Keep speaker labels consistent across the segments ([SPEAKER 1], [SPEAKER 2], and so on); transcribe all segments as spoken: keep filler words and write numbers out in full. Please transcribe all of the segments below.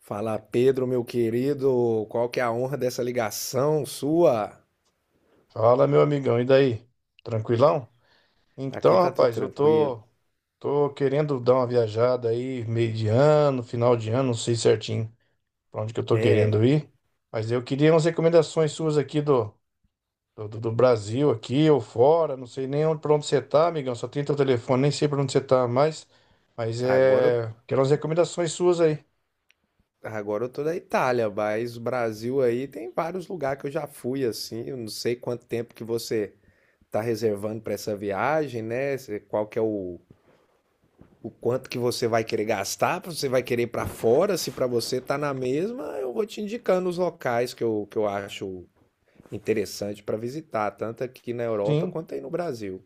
[SPEAKER 1] Fala, Pedro, meu querido, qual que é a honra dessa ligação sua?
[SPEAKER 2] Fala, meu amigão, e daí? Tranquilão? Então,
[SPEAKER 1] Aqui tá tudo
[SPEAKER 2] rapaz, eu
[SPEAKER 1] tranquilo.
[SPEAKER 2] tô, tô querendo dar uma viajada aí, meio de ano, final de ano, não sei certinho pra onde que eu tô
[SPEAKER 1] É,
[SPEAKER 2] querendo ir, mas eu queria umas recomendações suas aqui do, do, do Brasil, aqui ou fora, não sei nem onde, pra onde você tá, amigão, só tem teu telefone, nem sei pra onde você tá mais, mas
[SPEAKER 1] agora eu,
[SPEAKER 2] é, quero umas recomendações suas aí.
[SPEAKER 1] agora eu tô da Itália, mas o Brasil aí tem vários lugares que eu já fui assim. Eu não sei quanto tempo que você tá reservando para essa viagem, né? Se- Qual que é o, o, quanto que você vai querer gastar, se você vai querer ir para fora, se para você tá na mesma, eu vou te indicando os locais que eu, que eu acho interessante para visitar, tanto aqui na Europa
[SPEAKER 2] Sim,
[SPEAKER 1] quanto aí no Brasil.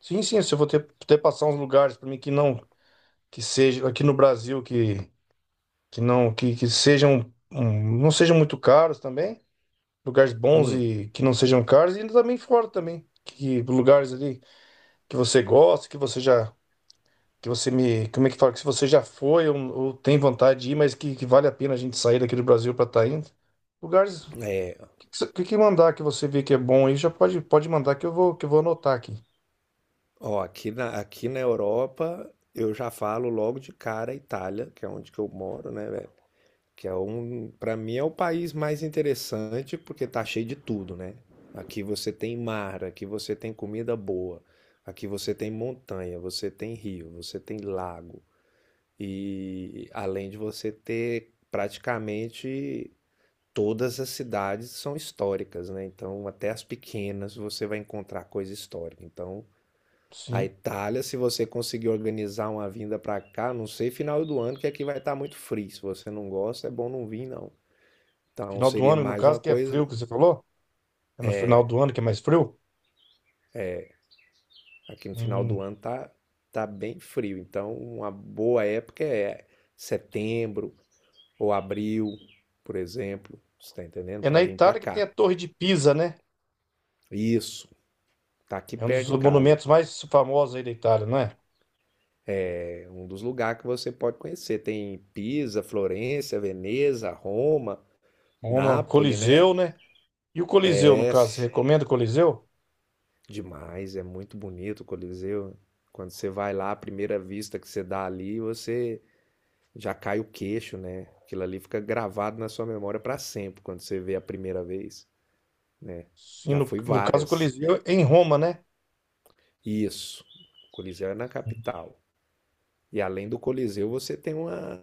[SPEAKER 2] sim, sim, se eu vou ter, ter passar uns lugares pra mim que não, que seja aqui no Brasil, que que não que, que sejam hum, não sejam muito caros também, lugares bons
[SPEAKER 1] Hum.
[SPEAKER 2] e que não sejam caros e também fora também, que lugares ali que você gosta, que você já que você me, como é que fala, que se você já foi ou, ou tem vontade de ir, mas que, que vale a pena a gente sair daqui do Brasil para estar indo. Lugares
[SPEAKER 1] É,
[SPEAKER 2] que, que, você- que mandar que você vê que é bom aí, já pode pode mandar que eu vou que eu vou anotar aqui.
[SPEAKER 1] ó, aqui na, aqui na Europa eu já falo logo de cara Itália, que é onde que eu moro, né, velho? Que é um, para mim é o país mais interessante porque tá cheio de tudo, né? Aqui você tem mar, aqui você tem comida boa, aqui você tem montanha, você tem rio, você tem lago e além de você ter praticamente todas as cidades são históricas, né? Então até as pequenas você vai encontrar coisa histórica. Então a
[SPEAKER 2] Sim.
[SPEAKER 1] Itália, se você conseguir organizar uma vinda para cá, não sei, final do ano, que aqui vai estar muito frio. Se você não gosta, é bom não vir, não. Então
[SPEAKER 2] Final do
[SPEAKER 1] seria
[SPEAKER 2] ano, no
[SPEAKER 1] mais
[SPEAKER 2] caso,
[SPEAKER 1] uma
[SPEAKER 2] que é frio
[SPEAKER 1] coisa.
[SPEAKER 2] que você falou? É no final do ano que é mais frio?
[SPEAKER 1] Aqui no final do
[SPEAKER 2] Hum.
[SPEAKER 1] ano tá, tá bem frio. Então, uma boa época é setembro ou abril, por exemplo. Você tá entendendo?
[SPEAKER 2] É
[SPEAKER 1] Para
[SPEAKER 2] na
[SPEAKER 1] vir para
[SPEAKER 2] Itália que tem
[SPEAKER 1] cá.
[SPEAKER 2] a Torre de Pisa, né?
[SPEAKER 1] Isso. Tá aqui
[SPEAKER 2] É um
[SPEAKER 1] perto
[SPEAKER 2] dos
[SPEAKER 1] de casa.
[SPEAKER 2] monumentos mais famosos aí da Itália, não é?
[SPEAKER 1] É um dos lugares que você pode conhecer. Tem Pisa, Florença, Veneza, Roma,
[SPEAKER 2] Roma,
[SPEAKER 1] Nápoles, né?
[SPEAKER 2] Coliseu, né? E o Coliseu, no
[SPEAKER 1] É
[SPEAKER 2] caso, você recomenda o Coliseu?
[SPEAKER 1] demais, é muito bonito o Coliseu. Quando você vai lá, a primeira vista que você dá ali, você já cai o queixo, né? Aquilo ali fica gravado na sua memória para sempre quando você vê a primeira vez, né?
[SPEAKER 2] Sim,
[SPEAKER 1] Já
[SPEAKER 2] no,
[SPEAKER 1] fui
[SPEAKER 2] no caso, o
[SPEAKER 1] várias.
[SPEAKER 2] Coliseu é em Roma, né?
[SPEAKER 1] Isso. O Coliseu é na capital. E além do Coliseu, você tem uma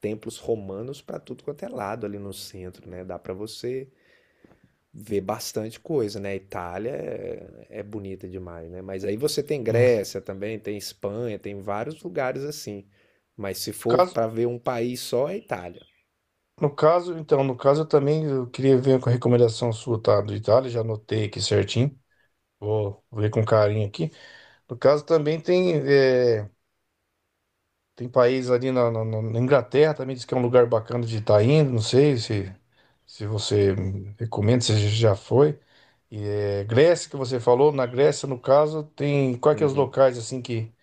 [SPEAKER 1] templos romanos para tudo quanto é lado ali no centro, né? Dá para você vê bastante coisa, né? Itália é, é bonita demais, né? Mas aí você tem
[SPEAKER 2] Sim.
[SPEAKER 1] Grécia também, tem Espanha, tem vários lugares assim. Mas se
[SPEAKER 2] No
[SPEAKER 1] for
[SPEAKER 2] caso,
[SPEAKER 1] para ver um país só, é Itália.
[SPEAKER 2] no caso, então, no caso, eu também eu queria ver com a recomendação sua, tá? Do Itália, já anotei aqui certinho. Vou ver com carinho aqui. No caso, também tem, é, tem país ali na, na- na- na Inglaterra, também diz que é um lugar bacana de estar indo. Não sei se, se você recomenda, se já foi. E, é, Grécia, que você falou, na Grécia, no caso, tem quais que é os
[SPEAKER 1] Uhum.
[SPEAKER 2] locais assim que,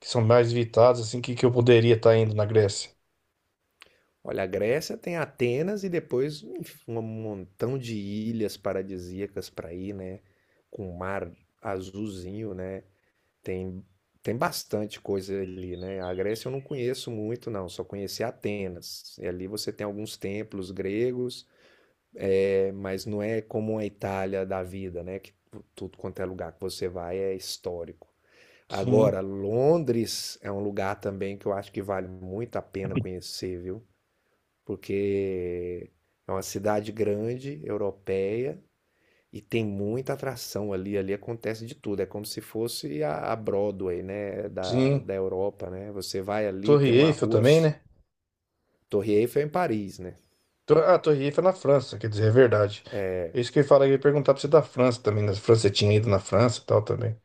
[SPEAKER 2] que são mais visitados, assim, que, que eu poderia estar indo na Grécia?
[SPEAKER 1] Olha, a Grécia tem Atenas e depois enfim, um montão de ilhas paradisíacas para ir, né? Com um mar azulzinho, né? Tem, tem bastante coisa ali, né? A Grécia eu não conheço muito, não. Só conheci Atenas. E ali você tem alguns templos gregos. É, mas não é como a Itália da vida, né? Que tudo quanto é lugar que você vai é histórico.
[SPEAKER 2] Sim,
[SPEAKER 1] Agora, Londres é um lugar também que eu acho que vale muito a pena conhecer, viu? Porque é uma cidade grande, europeia, e tem muita atração ali. Ali acontece de tudo. É como se fosse a a Broadway, né? Da,
[SPEAKER 2] sim.
[SPEAKER 1] da Europa, né? Você vai ali,
[SPEAKER 2] Torre
[SPEAKER 1] tem uma
[SPEAKER 2] Eiffel
[SPEAKER 1] rua.
[SPEAKER 2] também, né?
[SPEAKER 1] Torre Eiffel é em Paris, né?
[SPEAKER 2] Tor- Ah, Torre Eiffel é na França, quer dizer, é verdade. É isso que eu ia falar, eu ia perguntar pra você da França também, na França, você tinha ido na França e tal também,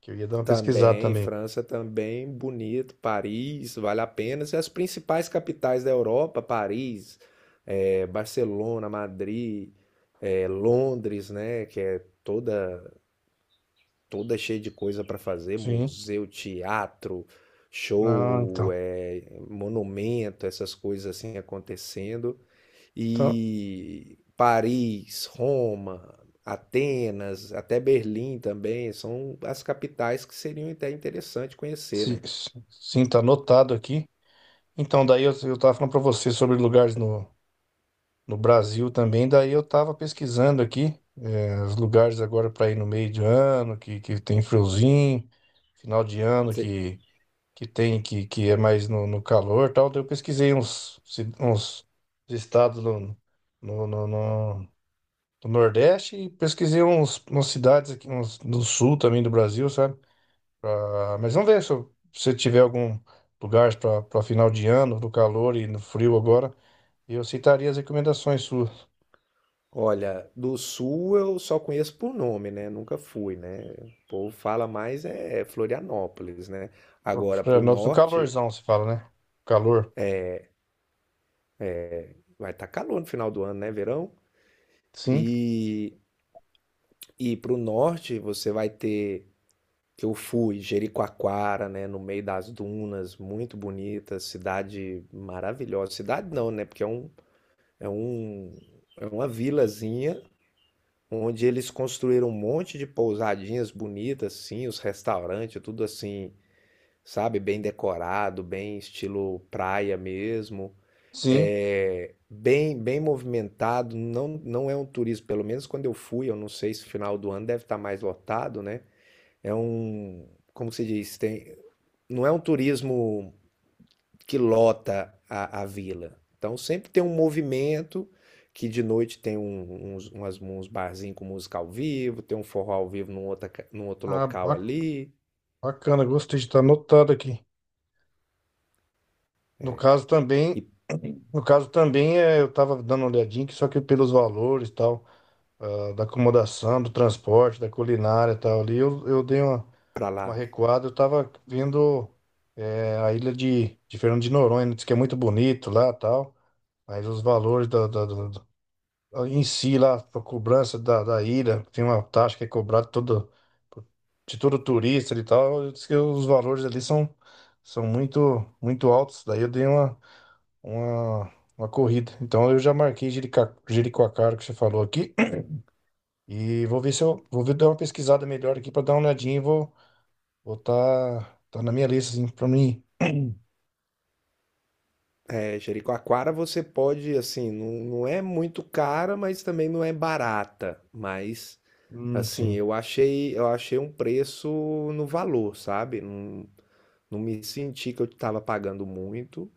[SPEAKER 2] que eu ia dar uma pesquisada
[SPEAKER 1] Também,
[SPEAKER 2] também.
[SPEAKER 1] França também, bonito, Paris, vale a pena. E as principais capitais da Europa, Paris, eh, Barcelona, Madrid, eh, Londres, né, que é toda toda cheia de coisa para fazer,
[SPEAKER 2] Sim.
[SPEAKER 1] museu, teatro,
[SPEAKER 2] Não, então.
[SPEAKER 1] show, eh, monumento, essas coisas assim acontecendo
[SPEAKER 2] Então,
[SPEAKER 1] e Paris, Roma, Atenas, até Berlim também, são as capitais que seriam até interessante conhecer,
[SPEAKER 2] sim,
[SPEAKER 1] né?
[SPEAKER 2] sim, tá anotado aqui. Então, daí eu, eu tava falando pra você sobre lugares no, no Brasil também. Daí eu tava pesquisando aqui eh, os lugares agora para ir no meio de ano, que, que tem friozinho, final de ano
[SPEAKER 1] Cê-
[SPEAKER 2] que, que tem que, que é mais no, no calor e tal. Daí eu pesquisei uns, ci- uns estados no, no, no, no- do Nordeste e pesquisei uns, umas cidades aqui uns, do sul também do Brasil, sabe? Pra- mas vamos ver se eu- se você tiver algum lugar para final de ano, no calor e no frio agora, eu aceitaria as recomendações suas.
[SPEAKER 1] Olha, do sul eu só conheço por nome, né? Nunca fui, né? O povo fala mais é Florianópolis, né?
[SPEAKER 2] Flo-
[SPEAKER 1] Agora pro
[SPEAKER 2] Florianópolis, no
[SPEAKER 1] norte
[SPEAKER 2] calorzão, se fala, né? Calor.
[SPEAKER 1] vai estar calor no final do ano, né? Verão.
[SPEAKER 2] Sim,
[SPEAKER 1] E e pro norte você vai ter. Eu fui, Jericoacoara, né, no meio das dunas, muito bonita, cidade maravilhosa. Cidade não, né, porque é um, é um, é uma vilazinha onde eles construíram um monte de pousadinhas bonitas, assim, os restaurantes, tudo assim, sabe, bem decorado, bem estilo praia mesmo.
[SPEAKER 2] sim.
[SPEAKER 1] É bem, bem movimentado, não, não é um turismo, pelo menos quando eu fui, eu não sei se final do ano deve estar mais lotado, né? É um, como se diz, tem, não é um turismo que lota a, a vila. Então sempre tem um movimento que de noite tem um- uns, umas, uns barzinhos com música ao vivo, tem um forró ao vivo num, outra, ca- num outro
[SPEAKER 2] Ah,
[SPEAKER 1] local
[SPEAKER 2] ba-
[SPEAKER 1] ali
[SPEAKER 2] bacana, gostei de estar anotado aqui. No caso
[SPEAKER 1] e
[SPEAKER 2] também, no caso também é, eu tava dando uma olhadinha, que só que pelos valores e tal, ah, da acomodação, do transporte, da culinária e tal ali, eu, eu dei uma,
[SPEAKER 1] pra
[SPEAKER 2] uma
[SPEAKER 1] lá.
[SPEAKER 2] recuada, eu tava vendo é, a ilha de, de Fernando de Noronha, né? Diz que é muito bonito lá e tal, mas os valores da, da- em si lá para cobrança da, da ilha, tem uma taxa que é cobrada todo, de todo turista e tal, diz que os valores ali são, são muito muito altos, daí eu dei uma, uma, uma corrida. Então eu já marquei Jerica- Jericoacoara que você falou aqui e vou ver se eu vou ver dar uma pesquisada melhor aqui para dar uma olhadinha e vou vou tá, tá na minha lista assim para mim.
[SPEAKER 1] É, Jericoacoara você pode, assim, não, não é muito cara, mas também não é barata. Mas,
[SPEAKER 2] Hum,
[SPEAKER 1] assim,
[SPEAKER 2] sim.
[SPEAKER 1] eu achei, eu achei, um preço no valor, sabe? Não, não me senti que eu estava pagando muito.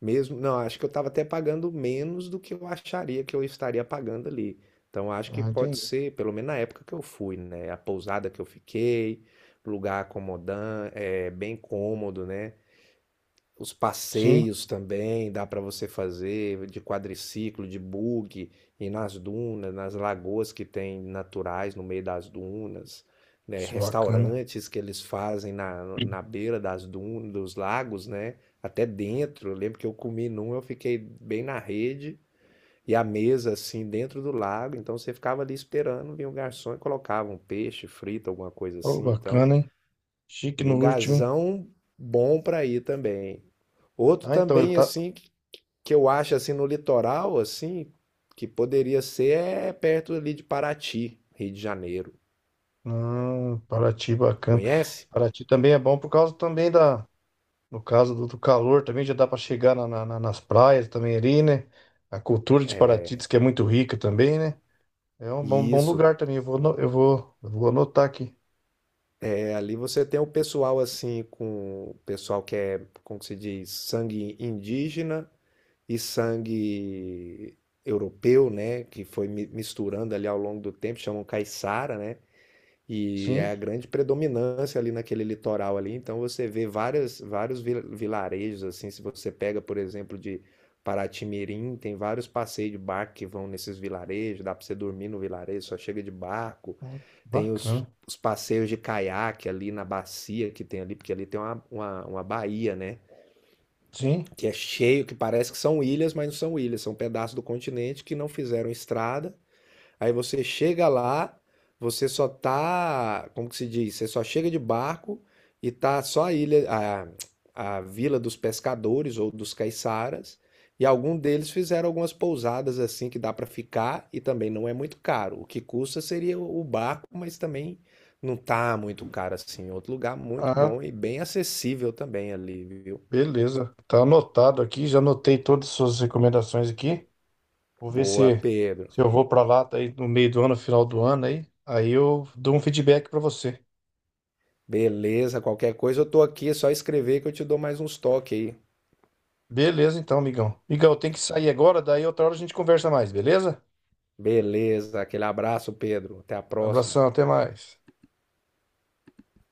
[SPEAKER 1] Mesmo, não, acho que eu estava até pagando menos do que eu acharia que eu estaria pagando ali. Então acho que
[SPEAKER 2] Ah,
[SPEAKER 1] pode
[SPEAKER 2] entendi.
[SPEAKER 1] ser, pelo menos na época que eu fui, né? A pousada que eu fiquei, lugar acomodante, é, bem cômodo, né? Os
[SPEAKER 2] Sim,
[SPEAKER 1] passeios também dá para você fazer de quadriciclo, de buggy, e nas dunas, nas lagoas que tem naturais no meio das dunas, né?
[SPEAKER 2] isso é bacana.
[SPEAKER 1] Restaurantes que eles fazem na, na beira das dunas, dos lagos, né? Até dentro. Eu lembro que eu comi num, eu fiquei bem na rede e a mesa assim dentro do lago, então você ficava ali esperando, vinha o garçom e colocava um peixe frito, alguma coisa
[SPEAKER 2] Ô,
[SPEAKER 1] assim, então.
[SPEAKER 2] bacana, hein? Chique no último, hein?
[SPEAKER 1] Lugarzão bom para ir também. Outro
[SPEAKER 2] Ah, então eu
[SPEAKER 1] também
[SPEAKER 2] tava.
[SPEAKER 1] assim que que eu acho assim no litoral assim que poderia ser é perto ali de Paraty, Rio de Janeiro.
[SPEAKER 2] Hum, Paraty, bacana.
[SPEAKER 1] Conhece?
[SPEAKER 2] Paraty também é bom por causa também da, no caso do, do calor, também já dá para chegar na- na- na- nas praias também ali, né? A cultura de Paraty diz que é muito rica também, né? É um bom,
[SPEAKER 1] E
[SPEAKER 2] bom
[SPEAKER 1] isso,
[SPEAKER 2] lugar também. Eu vou, ano- eu vou, eu vou anotar aqui.
[SPEAKER 1] é ali você tem o pessoal assim com o pessoal que é, como que se diz, sangue indígena e sangue europeu, né, que foi mi- misturando ali ao longo do tempo, chamam caiçara, né? E é
[SPEAKER 2] Sim,
[SPEAKER 1] a grande predominância ali naquele litoral ali, então você vê várias, vários vi- vilarejos, assim, se você pega, por exemplo, de Paraty-Mirim, tem vários passeios de barco que vão nesses vilarejos, dá para você dormir no vilarejo, só chega de barco,
[SPEAKER 2] hum,
[SPEAKER 1] tem os,
[SPEAKER 2] bacana.
[SPEAKER 1] os passeios de caiaque ali na bacia que tem ali, porque ali tem uma, uma, uma baía, né,
[SPEAKER 2] Sim.
[SPEAKER 1] que é cheio, que parece que são ilhas, mas não são ilhas, são pedaços do continente que não fizeram estrada. Aí você chega lá, você só tá, como que se diz? Você só chega de barco e tá só a ilha, a, a vila dos pescadores ou dos caiçaras. E algum deles fizeram algumas pousadas assim que dá para ficar e também não é muito caro. O que custa seria o o barco, mas também não tá muito caro assim. É outro lugar muito
[SPEAKER 2] Ah,
[SPEAKER 1] bom e bem acessível também ali, viu?
[SPEAKER 2] beleza. Tá anotado aqui. Já anotei todas as suas recomendações aqui. Vou ver
[SPEAKER 1] Boa,
[SPEAKER 2] se,
[SPEAKER 1] Pedro.
[SPEAKER 2] se eu vou para lá tá aí no meio do ano, final do ano aí. Aí eu dou um feedback para você.
[SPEAKER 1] Beleza, qualquer coisa eu tô aqui, é só escrever que eu te dou mais uns toques aí.
[SPEAKER 2] Beleza, então, amigão. Amigão, eu tenho que sair agora, daí outra hora a gente conversa mais, beleza?
[SPEAKER 1] Beleza, aquele abraço, Pedro. Até a próxima.
[SPEAKER 2] Abração, até mais.